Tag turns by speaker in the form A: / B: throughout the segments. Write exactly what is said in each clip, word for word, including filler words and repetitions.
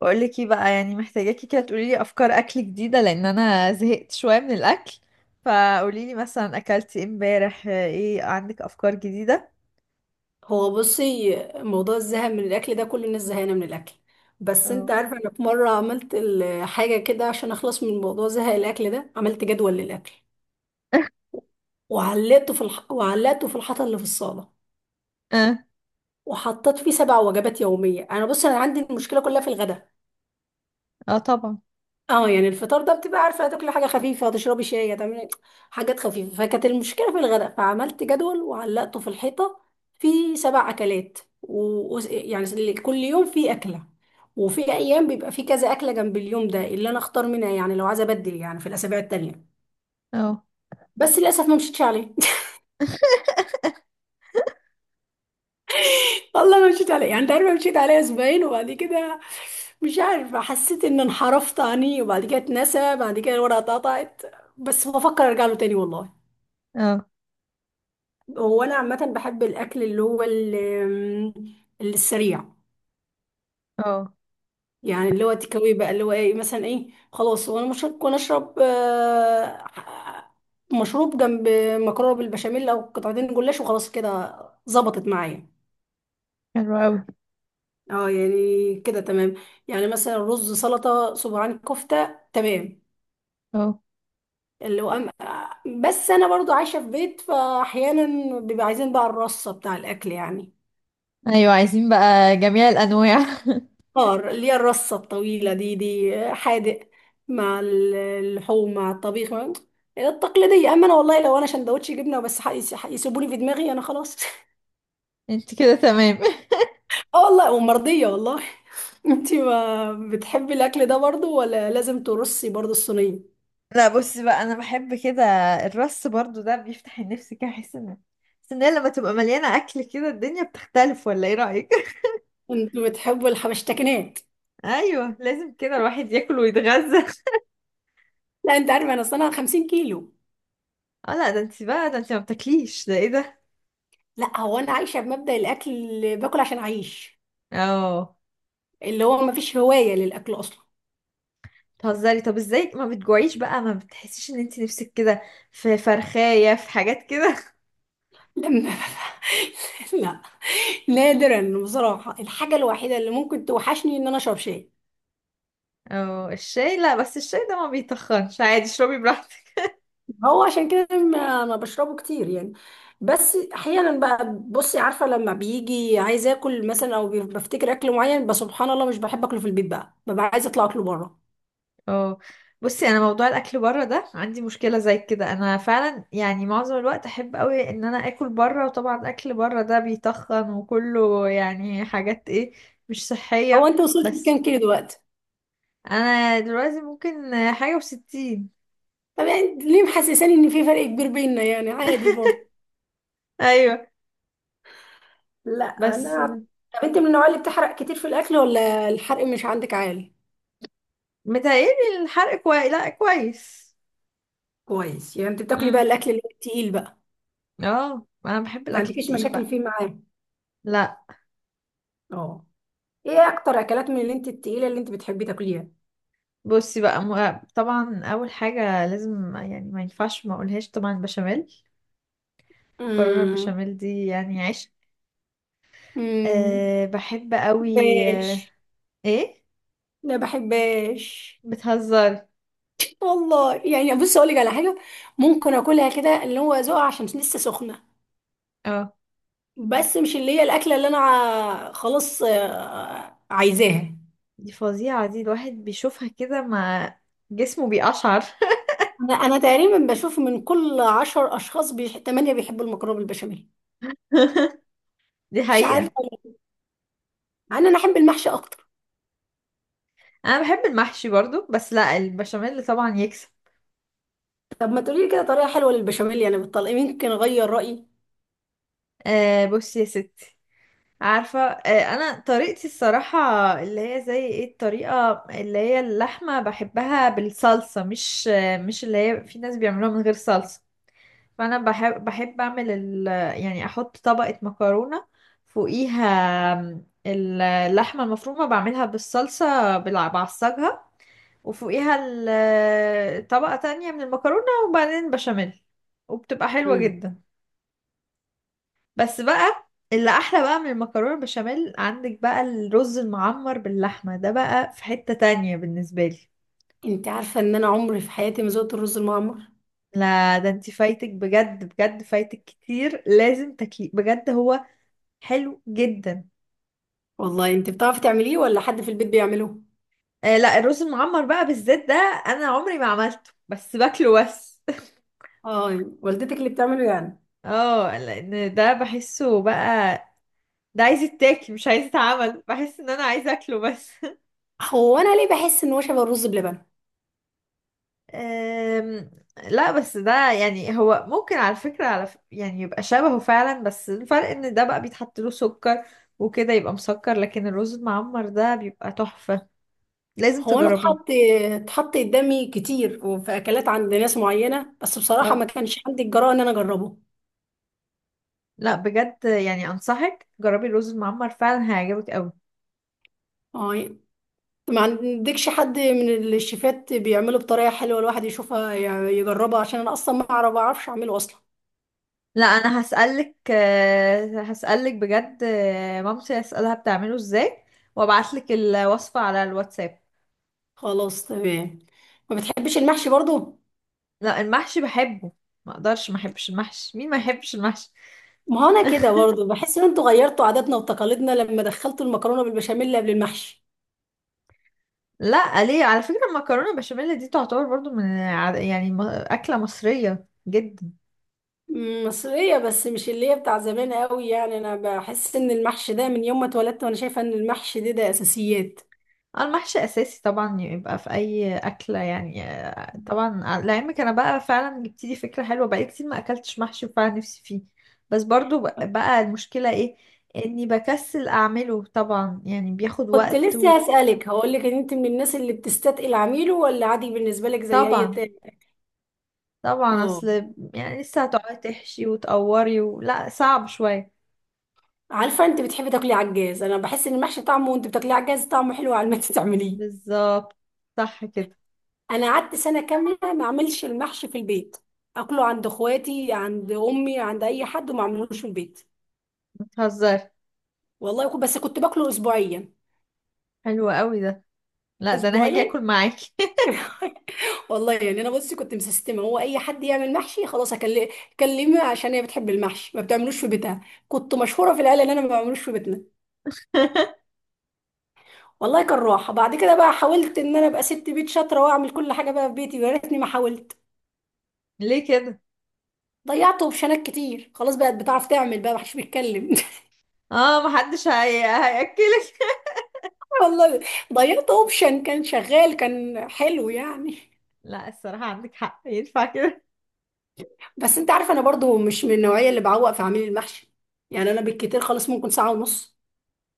A: بقول لك ايه بقى، يعني محتاجاكي كده تقولي لي افكار اكل جديده لان انا زهقت شويه من الاكل. فقولي لي مثلا، اكلتي إيه امبارح؟ آه، ايه عندك افكار جديده؟
B: هو بصي موضوع الزهق من الاكل ده كل الناس زهقانه من الاكل. بس انت
A: اه.
B: عارفه انا في مره عملت ال- حاجه كده عشان اخلص من موضوع زهق الاكل ده. عملت جدول للاكل وعلقته في الح... وعلقته في الحيطه اللي في الصاله،
A: اه.
B: وحطيت فيه سبع وجبات يوميه. انا بصي انا عندي المشكله كلها في الغداء.
A: آه طبعا.
B: اه، يعني الفطار ده بتبقى عارفه هتاكلي حاجه خفيفه، هتشربي شاي، هتعملي حاجات خفيفه. فكانت المشكله في الغداء، فعملت جدول وعلقته في الحيطه في سبع اكلات، و... و- يعني كل يوم في اكله، وفي ايام بيبقى في كذا اكله جنب اليوم ده اللي انا اختار منها، يعني لو عايزه ابدل يعني في الاسابيع التانيه.
A: اه.
B: بس للاسف ما مشيتش عليه. والله ما مشيت عليه. يعني انت عارفه مشيت عليه اسبوعين وبعد كده مش عارفه حسيت ان انحرفت عني، وبعد كده اتنسى، بعد كده الورقه اتقطعت. بس بفكر ارجع له تاني والله.
A: اه.
B: هو انا عامه بحب الاكل اللي هو ال- اللي السريع.
A: اه.
B: يعني اللي هو تكاوي بقى، اللي هو ايه مثلا، ايه، خلاص. وانا مش هكون اشرب آه، مشروب جنب مكرونه بالبشاميل، او قطعتين جلاش وخلاص كده، ظبطت معايا.
A: حلو قوي.
B: اه يعني كده تمام. يعني مثلا رز، سلطه، صباعين كفته، تمام.
A: اه.
B: اللي هو أم... بس انا برضو عايشه في بيت، فاحيانا بيبقى عايزين بقى الرصه بتاع الاكل يعني.
A: ايوه، عايزين بقى جميع الانواع.
B: فار اللي هي الرصة الطويلة دي، دي حادق مع ال- اللحوم، مع الطبيخ، مع- التقليدية. أما أنا والله لو أنا سندوتش جبنة بس يسيبوني في دماغي أنا خلاص.
A: انت كده تمام.
B: اه والله، ومرضية والله. انتي ما بتحبي الأكل ده برضو، ولا لازم ترصي برضو الصينية؟
A: لا، بصي بقى انا بحب كده. الرص برضو ده بيفتح النفس كده، احس ان بس ان هي لما تبقى مليانه اكل كده الدنيا بتختلف، ولا ايه رايك؟
B: انتوا بتحبوا الحبشتكنات.
A: ايوه، لازم كده الواحد ياكل ويتغذى.
B: لا، انت عارفة انا اصلا خمسين كيلو.
A: اه، لا ده انت بقى، ده انت ما بتاكليش، ده ايه ده؟
B: لا هو انا عايشة بمبدأ الاكل اللي باكل عشان اعيش.
A: اه.
B: اللي هو ما فيش هواية للاكل اصلا.
A: بتهزري، طب ازاي ما بتجوعيش بقى؟ ما بتحسيش ان انت نفسك كده في فرخايه، في حاجات كده؟
B: لما لا. نادرا بصراحة، الحاجة الوحيدة اللي ممكن توحشني ان انا اشرب شاي.
A: اه، الشاي لا، بس الشاي ده ما بيتخنش، عادي اشربي براحتك.
B: هو عشان كده ما ما بشربه كتير يعني. بس احيانا بقى بصي عارفة لما بيجي عايز اكل مثلا، او بفتكر اكل معين، بس سبحان الله مش بحب اكله في البيت بقى، ببقى عايزة اطلع اكله بره.
A: اه. بصي، انا موضوع الاكل بره ده عندي مشكله زي كده، انا فعلا يعني معظم الوقت احب قوي ان انا اكل بره، وطبعا اكل بره ده بيتخن وكله يعني حاجات ايه، مش
B: هو
A: صحيه.
B: انت وصلت
A: بس.
B: لكام كيلو دلوقتي؟
A: انا دلوقتي ممكن حاجه وستين.
B: طب يعني ليه محسساني ان في فرق كبير بيننا؟ يعني عادي برضه.
A: ايوه.
B: لا
A: بس.
B: انا، طب انت من النوع اللي بتحرق كتير في الاكل ولا الحرق مش عندك عالي؟
A: متهيألي الحرق كويس، لا كويس.
B: كويس. يعني انت بتاكلي بقى
A: امم.
B: الاكل اللي هو التقيل بقى؟
A: اه، انا بحب
B: ما
A: الاكل
B: عندكيش
A: التقيل
B: مشاكل
A: بقى.
B: فيه معاه؟
A: لا.
B: اه. ايه اكتر اكلات من اللي انت التقيله اللي انت بتحبي تاكليها؟
A: بصي بقى، م... طبعا اول حاجه لازم يعني ما ينفعش ما اقولهاش، طبعا البشاميل. مكرونه
B: امم.
A: البشاميل دي يعني عيش.
B: امم
A: أه بحب قوي أه.
B: بحبهاش.
A: ايه.
B: لا بحبهاش.
A: بتهزري.
B: والله يعني بص اقول لك على حاجه، ممكن اكلها كده اللي هو ذوقها عشان لسه سخنه،
A: اه.
B: بس مش اللي هي الاكله اللي انا ع- خلاص آه، عايزاها.
A: دي فظيعه دي، الواحد بيشوفها كده ما جسمه بيقشعر.
B: انا انا تقريبا بشوف من كل عشر اشخاص بيح... تمانية بيحبوا المكرونه بالبشاميل،
A: دي
B: مش عارفه
A: حقيقه.
B: ليه. انا انا احب المحشي اكتر.
A: انا بحب المحشي برضو، بس لا البشاميل طبعا يكسب.
B: طب ما تقولي لي كده طريقه حلوه للبشاميل، يعني بالطلق يمكن اغير رايي.
A: أه بصي يا ستي. عارفة، آه، أنا طريقتي الصراحة اللي هي زي ايه؟ الطريقة اللي هي اللحمة بحبها بالصلصة، مش آه، مش اللي هي في ناس بيعملوها من غير صلصة. فأنا بحب بحب أعمل ال يعني أحط طبقة مكرونة فوقيها، آم، اللحمة المفرومة بعملها بالصلصة، بالع- بعصجها، وفوقيها ال- طبقة تانية من المكرونة وبعدين بشاميل، وبتبقى حلوة جدا. بس بقى، اللي احلى بقى من المكرونه البشاميل، عندك بقى الرز المعمر باللحمه، ده بقى في حته تانية بالنسبه لي.
B: انت عارفة ان انا عمري في حياتي ما ذقت الرز المعمر.
A: لا ده انت فايتك بجد، بجد فايتك كتير، لازم تاكليه بجد، هو حلو جدا.
B: والله انت بتعرفي تعمليه ولا حد في البيت بيعمله؟
A: آه لا، الرز المعمر بقى بالذات ده انا عمري ما عملته، بس باكله بس.
B: اه والدتك اللي بتعمله يعني.
A: اه، لان ده بحسه بقى، ده عايز يتاكل مش عايز يتعمل، بحس ان انا عايزه اكله بس.
B: هو انا ليه بحس ان هو شبه الرز بلبن؟
A: أم. لا، بس ده يعني هو ممكن، على فكرة على ف... يعني يبقى شبهه فعلا، بس الفرق ان ده بقى بيتحط له سكر وكده يبقى مسكر، لكن الرز المعمر ده بيبقى تحفة، لازم
B: هو انا اتحط
A: تجربيه.
B: اتحط قدامي كتير وفي اكلات عند ناس معينة، بس بصراحة ما
A: اه،
B: كانش عندي الجرأة ان انا اجربه.
A: لا بجد يعني انصحك، جربي الرز المعمر فعلا هيعجبك قوي.
B: اه. ما عندكش حد من الشيفات بيعمله بطريقة حلوة الواحد يشوفها يعني يجربها؟ عشان انا اصلا ما اعرف ما اعرفش اعمله اصلا.
A: لا، انا هسألك آه، هسألك بجد، آه، مامتي هسألها بتعمله ازاي، وابعتلك الوصفة على الواتساب.
B: خلاص تمام. ما بتحبش المحشي برضو؟
A: لا المحشي بحبه، ما اقدرش ما احبش المحشي، مين ما يحبش المحشي؟
B: ما هو انا كده برضه بحس ان انتوا غيرتوا عاداتنا وتقاليدنا لما دخلتوا المكرونه بالبشاميل قبل المحشي.
A: لا ليه؟ على فكرة المكرونة بشاميل دي تعتبر برضو من ع- يعني م- أكلة مصرية جدا.
B: أمم، مصريه، بس مش اللي هي بتاع زمان قوي، يعني انا بحس ان المحشي ده من يوم ما اتولدت وانا شايفه ان المحشي ده ده اساسيات.
A: آه، المحشي أساسي طبعا، يبقى في أي أكلة يعني آه، طبعا ع- لعلمك أنا بقى فعلا جبت لي فكرة حلوة، بقالي كتير ما أكلتش محشي وفعلا نفسي فيه. بس برضو ب- بقى المشكلة إيه؟ إني بكسل أعمله، طبعا يعني بياخد
B: كنت
A: وقت و...
B: لسه هسألك هقول لك ان انت من الناس اللي بتستثقل عميله ولا عادي بالنسبه لك زي اي
A: طبعا.
B: تاني؟
A: طبعا
B: اه
A: أصل، يعني لسه هتقعدي تحشي وتقوري و... لا صعب شوية.
B: عارفه انت بتحبي تاكلي عجاز، انا بحس ان المحشي طعمه وانت بتاكليه عجاز طعمه حلو على ما انت تعمليه.
A: بالظبط، صح كده.
B: انا قعدت سنه كامله ما اعملش المحشي في البيت، اكله عند اخواتي، عند امي، عند اي حد، وما اعملوش في البيت.
A: بتهزري.
B: والله كنت- بس كنت باكله اسبوعيا،
A: حلو قوي ده. لا ده انا هاجي
B: اسبوعيا.
A: اكل معاكي.
B: والله يعني انا بصي كنت مسستمه، هو اي حد يعمل محشي خلاص اكلمه، كلمه عشان هي بتحب المحشي ما بتعملوش في بيتها. كنت مشهوره في العيله ان انا ما بعملوش في بيتنا والله. كان راحه. بعد كده بقى حاولت ان انا ابقى ست بيت شاطره واعمل كل حاجه بقى في بيتي، يا ريتني ما حاولت،
A: ليه كده؟
B: ضيعت اوبشنات كتير. خلاص بقت بتعرف تعمل بقى، محدش بيتكلم
A: اه، محدش هي... هياكلك.
B: والله. ضيعت اوبشن كان شغال كان حلو يعني.
A: لا، الصراحه عندك حق، ينفع كده؟
B: بس انت عارف انا برضو مش من النوعيه اللي بعوق في عميل المحشي، يعني انا بالكتير خالص ممكن ساعه ونص.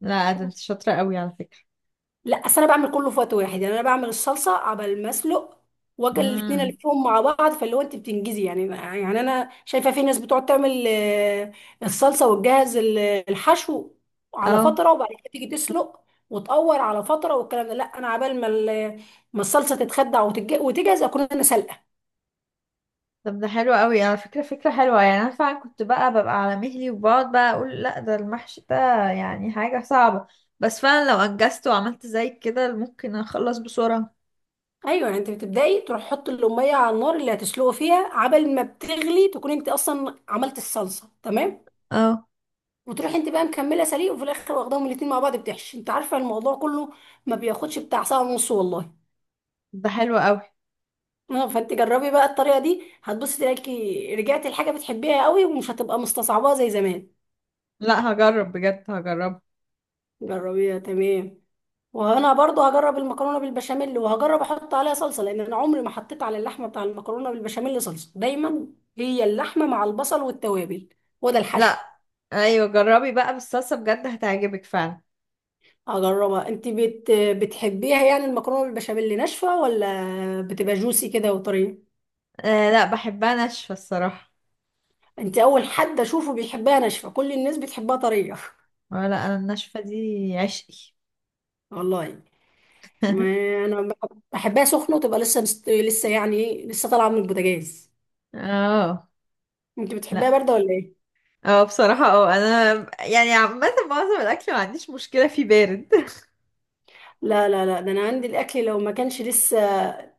A: لا ده انت شاطره قوي على فكره.
B: لا اصل انا بعمل كله في وقت واحد، يعني انا بعمل الصلصه عبال ما اسلق، واجي الاتنين
A: امم.
B: الفهم مع بعض، فاللي هو انت بتنجزي يعني. يعني انا شايفه في ناس بتقعد تعمل آه، الصلصه وتجهز ال- الحشو على
A: اه،
B: فتره، وبعد كده تيجي تسلق وتقور على فتره والكلام ده، لا انا عبال ما ال- ما الصلصه تتخدع وتتج- وتجهز، اكون انا سلقه.
A: طب ده حلو قوي على فكره، فكره حلوه، يعني انا فعلا كنت بقى ببقى على مهلي وبقعد بقى اقول لا ده المحشي ده يعني حاجه صعبه، بس فعلا لو انجزت وعملت زي كده ممكن اخلص بسرعه.
B: ايوه، يعني انت بتبداي تروح حط الاميه على النار اللي هتسلقه فيها، عبل ما بتغلي تكون انت اصلا عملت الصلصه، تمام،
A: اه،
B: وتروح انت بقى مكمله سليق، وفي الاخر واخداهم الاتنين مع بعض بتحشي. انت عارفه الموضوع كله ما بياخدش بتاع ساعه ونص والله.
A: ده حلو قوي.
B: اه، فانت جربي بقى الطريقه دي، هتبصي تلاقي رجعتي لحاجه بتحبيها قوي ومش هتبقى مستصعباها زي زمان.
A: لا هجرب بجد، هجرب.
B: جربيها، تمام. وانا برضو هجرب المكرونه بالبشاميل، وهجرب احط عليها صلصه، لان انا عمري ما حطيت على اللحمه بتاع المكرونه بالبشاميل صلصه، دايما هي اللحمه مع البصل والتوابل وده الحشو.
A: لا ايوه، جربي بقى بالصلصه بجد هتعجبك فعلا.
B: هجربها. انت بت... بتحبيها يعني المكرونه بالبشاميل ناشفه ولا بتبقى جوسي كده وطريه؟
A: آه لا، بحبها ناشفة الصراحة.
B: انت اول حد اشوفه بيحبها ناشفه، كل الناس بتحبها طريه.
A: آه لا، انا الناشفة دي عشقي.
B: والله. ما انا بحبها سخنه وتبقى لسه مست... لسه يعني ايه، لسه طالعه من البوتاجاز.
A: اه.
B: انت بتحبها
A: لا.
B: بارده ولا ايه؟
A: اه، بصراحة اه، انا يعني عامة معظم الاكل ما عنديش مشكلة فيه بارد.
B: لا لا لا، ده انا عندي الاكل لو ما كانش لسه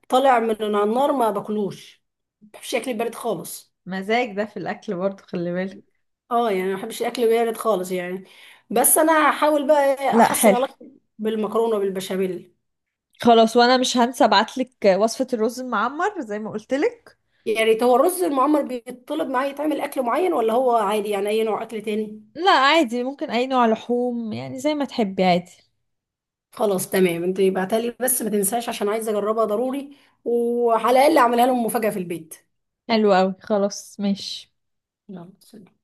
B: طالع من على النار ما باكلوش، ما بحبش الاكل البارد خالص.
A: مزاج ده في الاكل برضو، خلي بالك.
B: اه يعني ما بحبش الاكل البارد خالص يعني. بس انا هحاول بقى إيه
A: لا
B: احسن
A: حلو.
B: علاقتي بالمكرونه بالبشاميل.
A: خلاص، وانا مش هنسى ابعتلك وصفة الرز المعمر زي ما قلتلك.
B: يا ريت. هو الرز المعمر بيطلب معايا يتعمل اكل معين ولا هو عادي يعني اي نوع اكل تاني؟
A: لا عادي، ممكن اي نوع لحوم، يعني زي ما تحبي عادي.
B: خلاص تمام، انت ابعتها لي بس ما تنساش عشان عايزه اجربها ضروري، وعلى الاقل اعملها لهم مفاجاه في البيت.
A: حلو قوي، خلاص ماشي.
B: يلا سلام.